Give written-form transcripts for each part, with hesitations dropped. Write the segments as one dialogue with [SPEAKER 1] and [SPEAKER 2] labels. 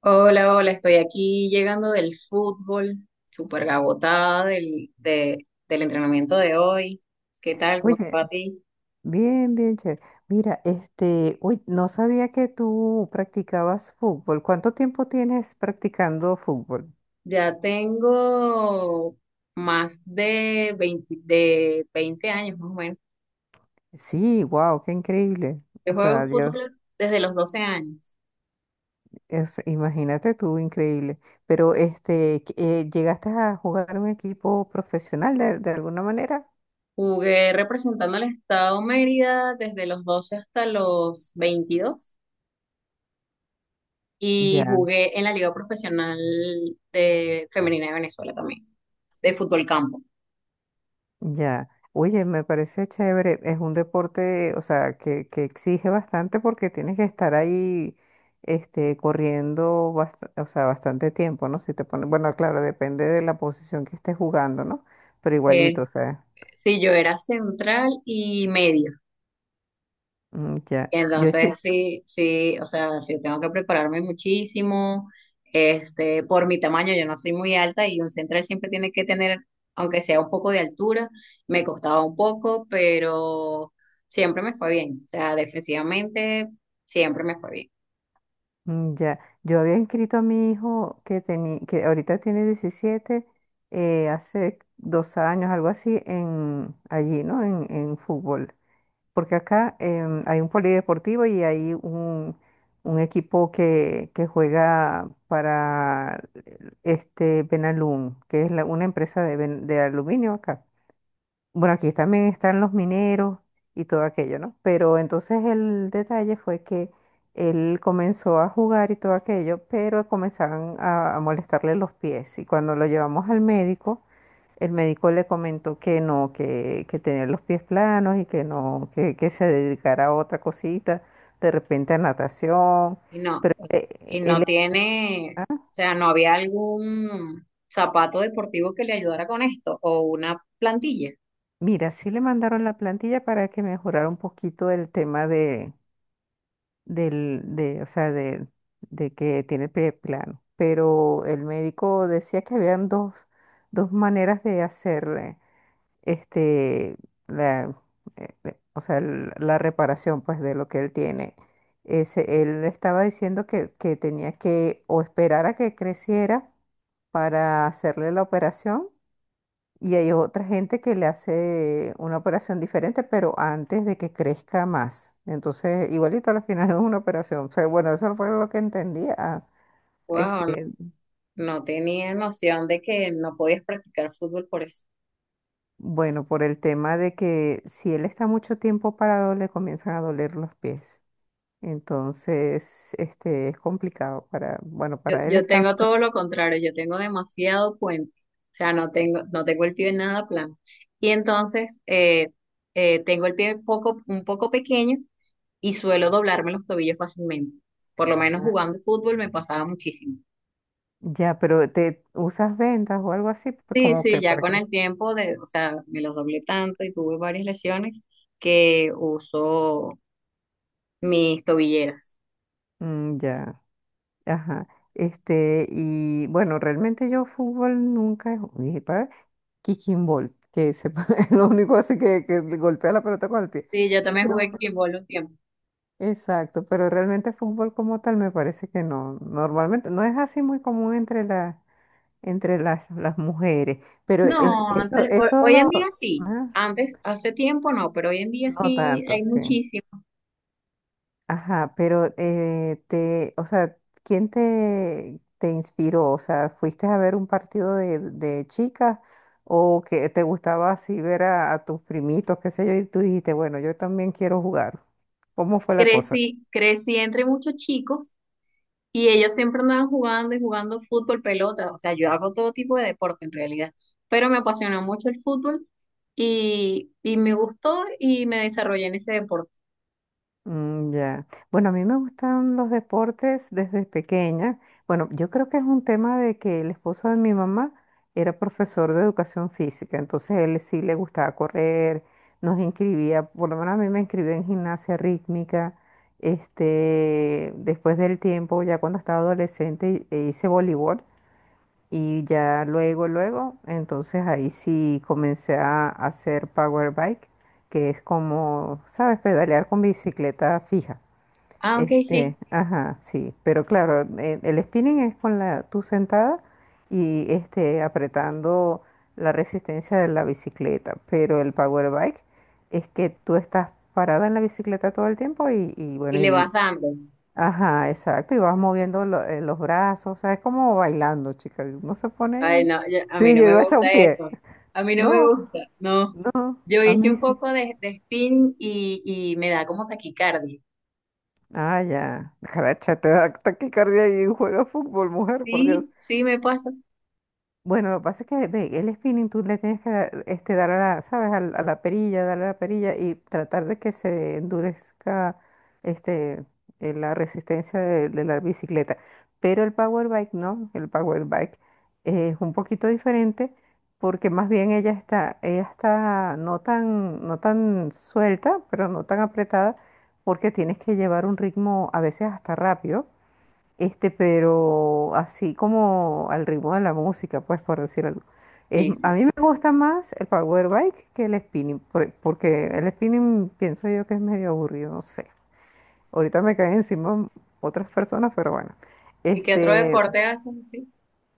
[SPEAKER 1] Hola, hola, estoy aquí llegando del fútbol, súper agotada del entrenamiento de hoy. ¿Qué tal? ¿Cómo te
[SPEAKER 2] Oye,
[SPEAKER 1] va a ti?
[SPEAKER 2] bien, bien, chévere. Mira, uy, no sabía que tú practicabas fútbol. ¿Cuánto tiempo tienes practicando fútbol?
[SPEAKER 1] Ya tengo más de 20 de 20 años, más o menos.
[SPEAKER 2] Sí, wow, qué increíble.
[SPEAKER 1] Yo
[SPEAKER 2] O sea,
[SPEAKER 1] juego
[SPEAKER 2] ya,
[SPEAKER 1] fútbol desde los 12 años.
[SPEAKER 2] imagínate tú, increíble. Pero, ¿llegaste a jugar un equipo profesional de alguna manera?
[SPEAKER 1] Jugué representando al estado Mérida desde los 12 hasta los 22 y
[SPEAKER 2] Ya.
[SPEAKER 1] jugué en la Liga Profesional de Femenina de Venezuela también, de fútbol campo.
[SPEAKER 2] Ya, oye, me parece chévere. Es un deporte, o sea, que exige bastante porque tienes que estar ahí, corriendo, o sea, bastante tiempo, ¿no? Si te pones, bueno, claro, depende de la posición que estés jugando, ¿no? Pero igualito, o sea,
[SPEAKER 1] Sí, yo era central y medio.
[SPEAKER 2] mm, ya.
[SPEAKER 1] Entonces, sí, sí, o sea, sí tengo que prepararme muchísimo. Este, por mi tamaño, yo no soy muy alta y un central siempre tiene que tener, aunque sea un poco de altura, me costaba un poco, pero siempre me fue bien. O sea, defensivamente siempre me fue bien.
[SPEAKER 2] Mm, ya, yo había inscrito a mi hijo que ahorita tiene 17, hace 2 años, algo así, en allí, ¿no? En fútbol. Porque acá hay un polideportivo y hay un equipo que juega para este Benalum, que es una empresa de aluminio acá. Bueno, aquí también están los mineros y todo aquello, ¿no? Pero entonces el detalle fue que él comenzó a jugar y todo aquello, pero comenzaban a molestarle los pies. Y cuando lo llevamos al médico, el médico le comentó que no, que tenía los pies planos y que no, que se dedicara a otra cosita, de repente a natación.
[SPEAKER 1] Y no,
[SPEAKER 2] Pero
[SPEAKER 1] y no tiene,
[SPEAKER 2] ah,
[SPEAKER 1] o sea, no había algún zapato deportivo que le ayudara con esto o una plantilla.
[SPEAKER 2] mira, sí le mandaron la plantilla para que mejorara un poquito el tema o sea, de que tiene el pie plano. Pero el médico decía que habían dos, dos maneras de hacerle este, la, o sea, la reparación pues de lo que él tiene. Ese, él estaba diciendo que tenía que o esperar a que creciera para hacerle la operación y hay otra gente que le hace una operación diferente, pero antes de que crezca más. Entonces, igualito al final es una operación. O sea, bueno, eso fue lo que entendía. Ah,
[SPEAKER 1] Wow,
[SPEAKER 2] este,
[SPEAKER 1] no tenía noción de que no podías practicar fútbol por eso.
[SPEAKER 2] bueno, por el tema de que si él está mucho tiempo parado, le comienzan a doler los pies. Entonces, este es complicado para, bueno,
[SPEAKER 1] Yo,
[SPEAKER 2] para él
[SPEAKER 1] yo
[SPEAKER 2] está
[SPEAKER 1] tengo
[SPEAKER 2] mucho.
[SPEAKER 1] todo lo contrario, yo tengo demasiado puente, o sea, no tengo, no tengo el pie nada plano. Y entonces tengo el pie poco, un poco pequeño y suelo doblarme los tobillos fácilmente. Por lo menos
[SPEAKER 2] Ah,
[SPEAKER 1] jugando fútbol me pasaba muchísimo.
[SPEAKER 2] ya, pero te usas vendas o algo así, pues,
[SPEAKER 1] Sí,
[SPEAKER 2] como
[SPEAKER 1] sí,
[SPEAKER 2] que
[SPEAKER 1] ya
[SPEAKER 2] para
[SPEAKER 1] con
[SPEAKER 2] qué.
[SPEAKER 1] el tiempo de, o sea, me los doblé tanto y tuve varias lesiones que uso mis tobilleras.
[SPEAKER 2] Mm, ya, ajá. Este, y bueno, realmente yo fútbol nunca he jugado. Para kicking ball, que se, es lo único así que golpea la pelota con el pie.
[SPEAKER 1] Sí, yo también
[SPEAKER 2] Pero,
[SPEAKER 1] jugué kickball un tiempo.
[SPEAKER 2] exacto, pero realmente fútbol como tal me parece que no. Normalmente no es así muy común entre la entre las mujeres. Pero es,
[SPEAKER 1] No,
[SPEAKER 2] eso,
[SPEAKER 1] antes,
[SPEAKER 2] eso
[SPEAKER 1] hoy en
[SPEAKER 2] lo...
[SPEAKER 1] día sí.
[SPEAKER 2] Ah,
[SPEAKER 1] Antes, hace tiempo no, pero hoy en día
[SPEAKER 2] no
[SPEAKER 1] sí
[SPEAKER 2] tanto,
[SPEAKER 1] hay
[SPEAKER 2] sí.
[SPEAKER 1] muchísimos.
[SPEAKER 2] Ajá, pero o sea, ¿quién te inspiró? O sea, ¿fuiste a ver un partido de chicas o que te gustaba así ver a tus primitos, qué sé yo, y tú dijiste, bueno, yo también quiero jugar? ¿Cómo fue la cosa?
[SPEAKER 1] Crecí entre muchos chicos y ellos siempre andaban jugando y jugando fútbol, pelota. O sea, yo hago todo tipo de deporte en realidad, pero me apasionó mucho el fútbol y me gustó y me desarrollé en ese deporte.
[SPEAKER 2] Mm, ya. Bueno, a mí me gustan los deportes desde pequeña. Bueno, yo creo que es un tema de que el esposo de mi mamá era profesor de educación física, entonces él sí le gustaba correr, nos inscribía, por lo menos a mí me inscribió en gimnasia rítmica. Este, después del tiempo, ya cuando estaba adolescente, hice voleibol. Y ya luego, luego, entonces ahí sí comencé a hacer power bike, que es como, ¿sabes? Pedalear con bicicleta fija.
[SPEAKER 1] Ah, ok, sí.
[SPEAKER 2] Este, ajá, sí. Pero claro, el spinning es con la, tú sentada y este, apretando la resistencia de la bicicleta. Pero el power bike es que tú estás parada en la bicicleta todo el tiempo y
[SPEAKER 1] Y
[SPEAKER 2] bueno,
[SPEAKER 1] le
[SPEAKER 2] y
[SPEAKER 1] vas dando.
[SPEAKER 2] ajá, exacto. Y vas moviendo los brazos. O sea, es como bailando, chica. Uno se pone
[SPEAKER 1] Ay,
[SPEAKER 2] ahí.
[SPEAKER 1] no, yo- a
[SPEAKER 2] Sí,
[SPEAKER 1] mí no
[SPEAKER 2] yo
[SPEAKER 1] me
[SPEAKER 2] iba a echar
[SPEAKER 1] gusta
[SPEAKER 2] un pie.
[SPEAKER 1] eso. A mí no me
[SPEAKER 2] No,
[SPEAKER 1] gusta, no.
[SPEAKER 2] no,
[SPEAKER 1] Yo
[SPEAKER 2] a
[SPEAKER 1] hice
[SPEAKER 2] mí
[SPEAKER 1] un
[SPEAKER 2] sí.
[SPEAKER 1] poco de spinning y me da como taquicardia.
[SPEAKER 2] Ah, ya. Caracha, te da taquicardia y juega fútbol, mujer, por Dios.
[SPEAKER 1] Sí, sí, me pasa.
[SPEAKER 2] Bueno, lo que pasa es que ve, el spinning tú le tienes que dar, este, dar a la, ¿sabes? A la perilla, darle a la perilla y tratar de que se endurezca este, la resistencia de la bicicleta. Pero el power bike no, el power bike es un poquito diferente porque más bien ella está no tan, no tan suelta, pero no tan apretada porque tienes que llevar un ritmo a veces hasta rápido este, pero así como al ritmo de la música, pues por decir algo.
[SPEAKER 1] Sí,
[SPEAKER 2] A
[SPEAKER 1] sí.
[SPEAKER 2] mí me gusta más el power bike que el spinning, porque el spinning pienso yo que es medio aburrido, no sé. Ahorita me caen encima otras personas, pero bueno.
[SPEAKER 1] ¿Y qué otro
[SPEAKER 2] Este,
[SPEAKER 1] deporte haces así?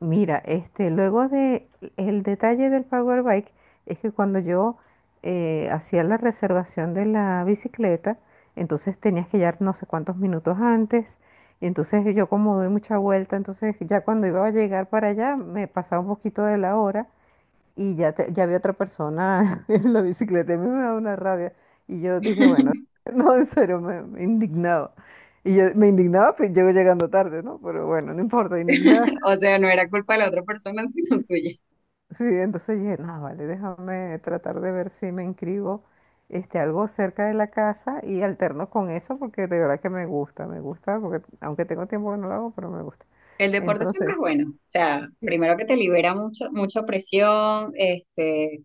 [SPEAKER 2] mira, este, luego de el detalle del Power Bike es que cuando yo hacía la reservación de la bicicleta, entonces tenías que llegar no sé cuántos minutos antes, y entonces yo como doy mucha vuelta, entonces ya cuando iba a llegar para allá me pasaba un poquito de la hora y ya, ya había otra persona en la bicicleta, y a mí me daba una rabia y yo dije, bueno, no, en serio, me indignaba. Y yo me indignaba, pues llego llegando tarde, ¿no? Pero bueno, no importa, indignada.
[SPEAKER 1] O sea, no era culpa de la otra persona, sino tuya.
[SPEAKER 2] Sí, entonces dije, no, vale, déjame tratar de ver si me inscribo este, algo cerca de la casa y alterno con eso porque de verdad que me gusta, porque aunque tengo tiempo que no lo hago, pero me gusta.
[SPEAKER 1] El deporte siempre
[SPEAKER 2] Entonces,
[SPEAKER 1] es bueno. O sea,
[SPEAKER 2] sí,
[SPEAKER 1] primero que te libera mucho, mucha presión, este,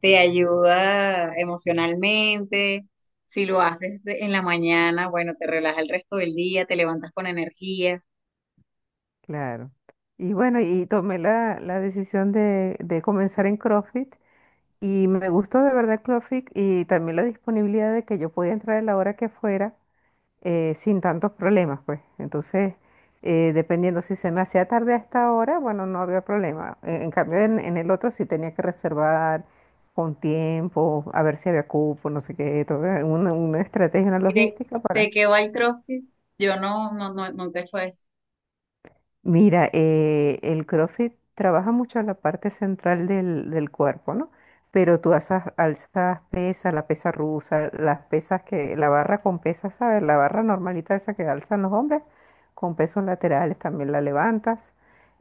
[SPEAKER 1] te ayuda emocionalmente. Si lo haces en la mañana, bueno, te relaja el resto del día, te levantas con energía.
[SPEAKER 2] claro. Y bueno, y tomé la decisión de comenzar en CrossFit y me gustó de verdad CrossFit y también la disponibilidad de que yo podía entrar a la hora que fuera sin tantos problemas, pues. Entonces, dependiendo si se me hacía tarde a esta hora, bueno, no había problema. En cambio, en el otro sí tenía que reservar con tiempo, a ver si había cupo, no sé qué, todo, una estrategia, una
[SPEAKER 1] Y te,
[SPEAKER 2] logística para...
[SPEAKER 1] te quedó al CrossFit. Yo no, no, no, nunca he hecho eso.
[SPEAKER 2] Mira, el CrossFit trabaja mucho la parte central del cuerpo, ¿no? Pero tú alzas, alzas pesas, la pesa rusa, las pesas que, la barra con pesas, ¿sabes? La barra normalita esa que alzan los hombres, con pesos laterales también la levantas,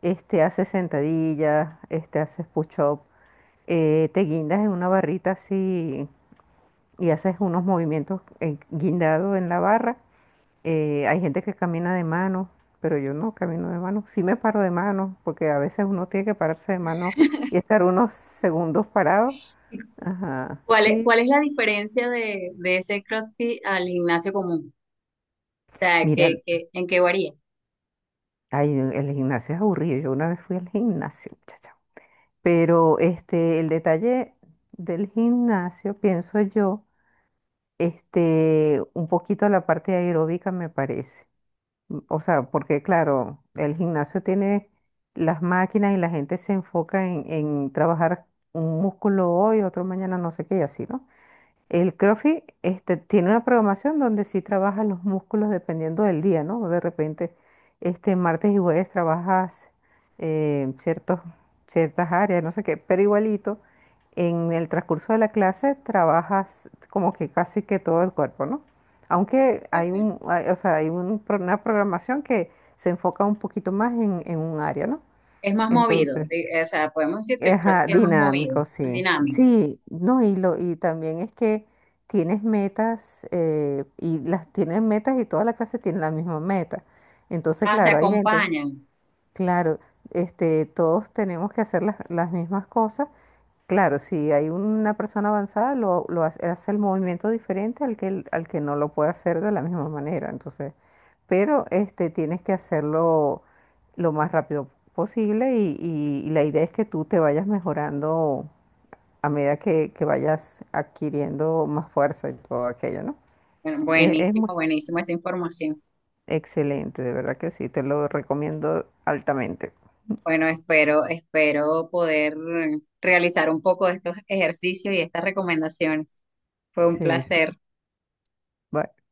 [SPEAKER 2] este, haces sentadillas, este, haces push-up, te guindas en una barrita así y haces unos movimientos guindado en la barra hay gente que camina de mano, pero yo no camino de mano. Sí me paro de mano, porque a veces uno tiene que pararse de mano y estar unos segundos parado. Ajá, sí.
[SPEAKER 1] Cuál es la diferencia de ese CrossFit al gimnasio común? O sea,
[SPEAKER 2] Mira,
[SPEAKER 1] que, ¿en qué varía?
[SPEAKER 2] ay, el gimnasio es aburrido. Yo una vez fui al gimnasio, muchacha. Pero este, el detalle del gimnasio, pienso yo, este, un poquito la parte aeróbica me parece. O sea, porque claro, el gimnasio tiene las máquinas y la gente se enfoca en trabajar un músculo hoy, otro mañana, no sé qué, y así, ¿no? El CrossFit este, tiene una programación donde sí trabajas los músculos dependiendo del día, ¿no? De repente, este, martes y jueves trabajas eh, ciertos, ciertas áreas, no sé qué, pero igualito, en el transcurso de la clase trabajas como que casi que todo el cuerpo, ¿no? Aunque hay
[SPEAKER 1] Ok.
[SPEAKER 2] un, o sea, hay una programación que se enfoca un poquito más en un área, ¿no?
[SPEAKER 1] Es más movido,
[SPEAKER 2] Entonces,
[SPEAKER 1] o sea, podemos decir que el
[SPEAKER 2] ajá,
[SPEAKER 1] CrossFit es más movido,
[SPEAKER 2] dinámico,
[SPEAKER 1] más
[SPEAKER 2] sí.
[SPEAKER 1] dinámico.
[SPEAKER 2] Sí, no, y también es que tienes metas, y las tienes metas y toda la clase tiene la misma meta. Entonces,
[SPEAKER 1] Ah, se
[SPEAKER 2] claro, hay gente,
[SPEAKER 1] acompañan.
[SPEAKER 2] claro, este, todos tenemos que hacer las mismas cosas. Claro, si hay una persona avanzada, lo hace, hace el movimiento diferente al que no lo puede hacer de la misma manera. Entonces, pero este, tienes que hacerlo lo más rápido posible y la idea es que tú te vayas mejorando a medida que vayas adquiriendo más fuerza y todo aquello, ¿no?
[SPEAKER 1] Bueno,
[SPEAKER 2] Es
[SPEAKER 1] buenísimo,
[SPEAKER 2] muy
[SPEAKER 1] buenísimo esa información.
[SPEAKER 2] excelente, de verdad que sí, te lo recomiendo altamente.
[SPEAKER 1] Bueno, espero, espero poder realizar un poco de estos ejercicios y estas recomendaciones. Fue un
[SPEAKER 2] Sí, sí.
[SPEAKER 1] placer.
[SPEAKER 2] Bye.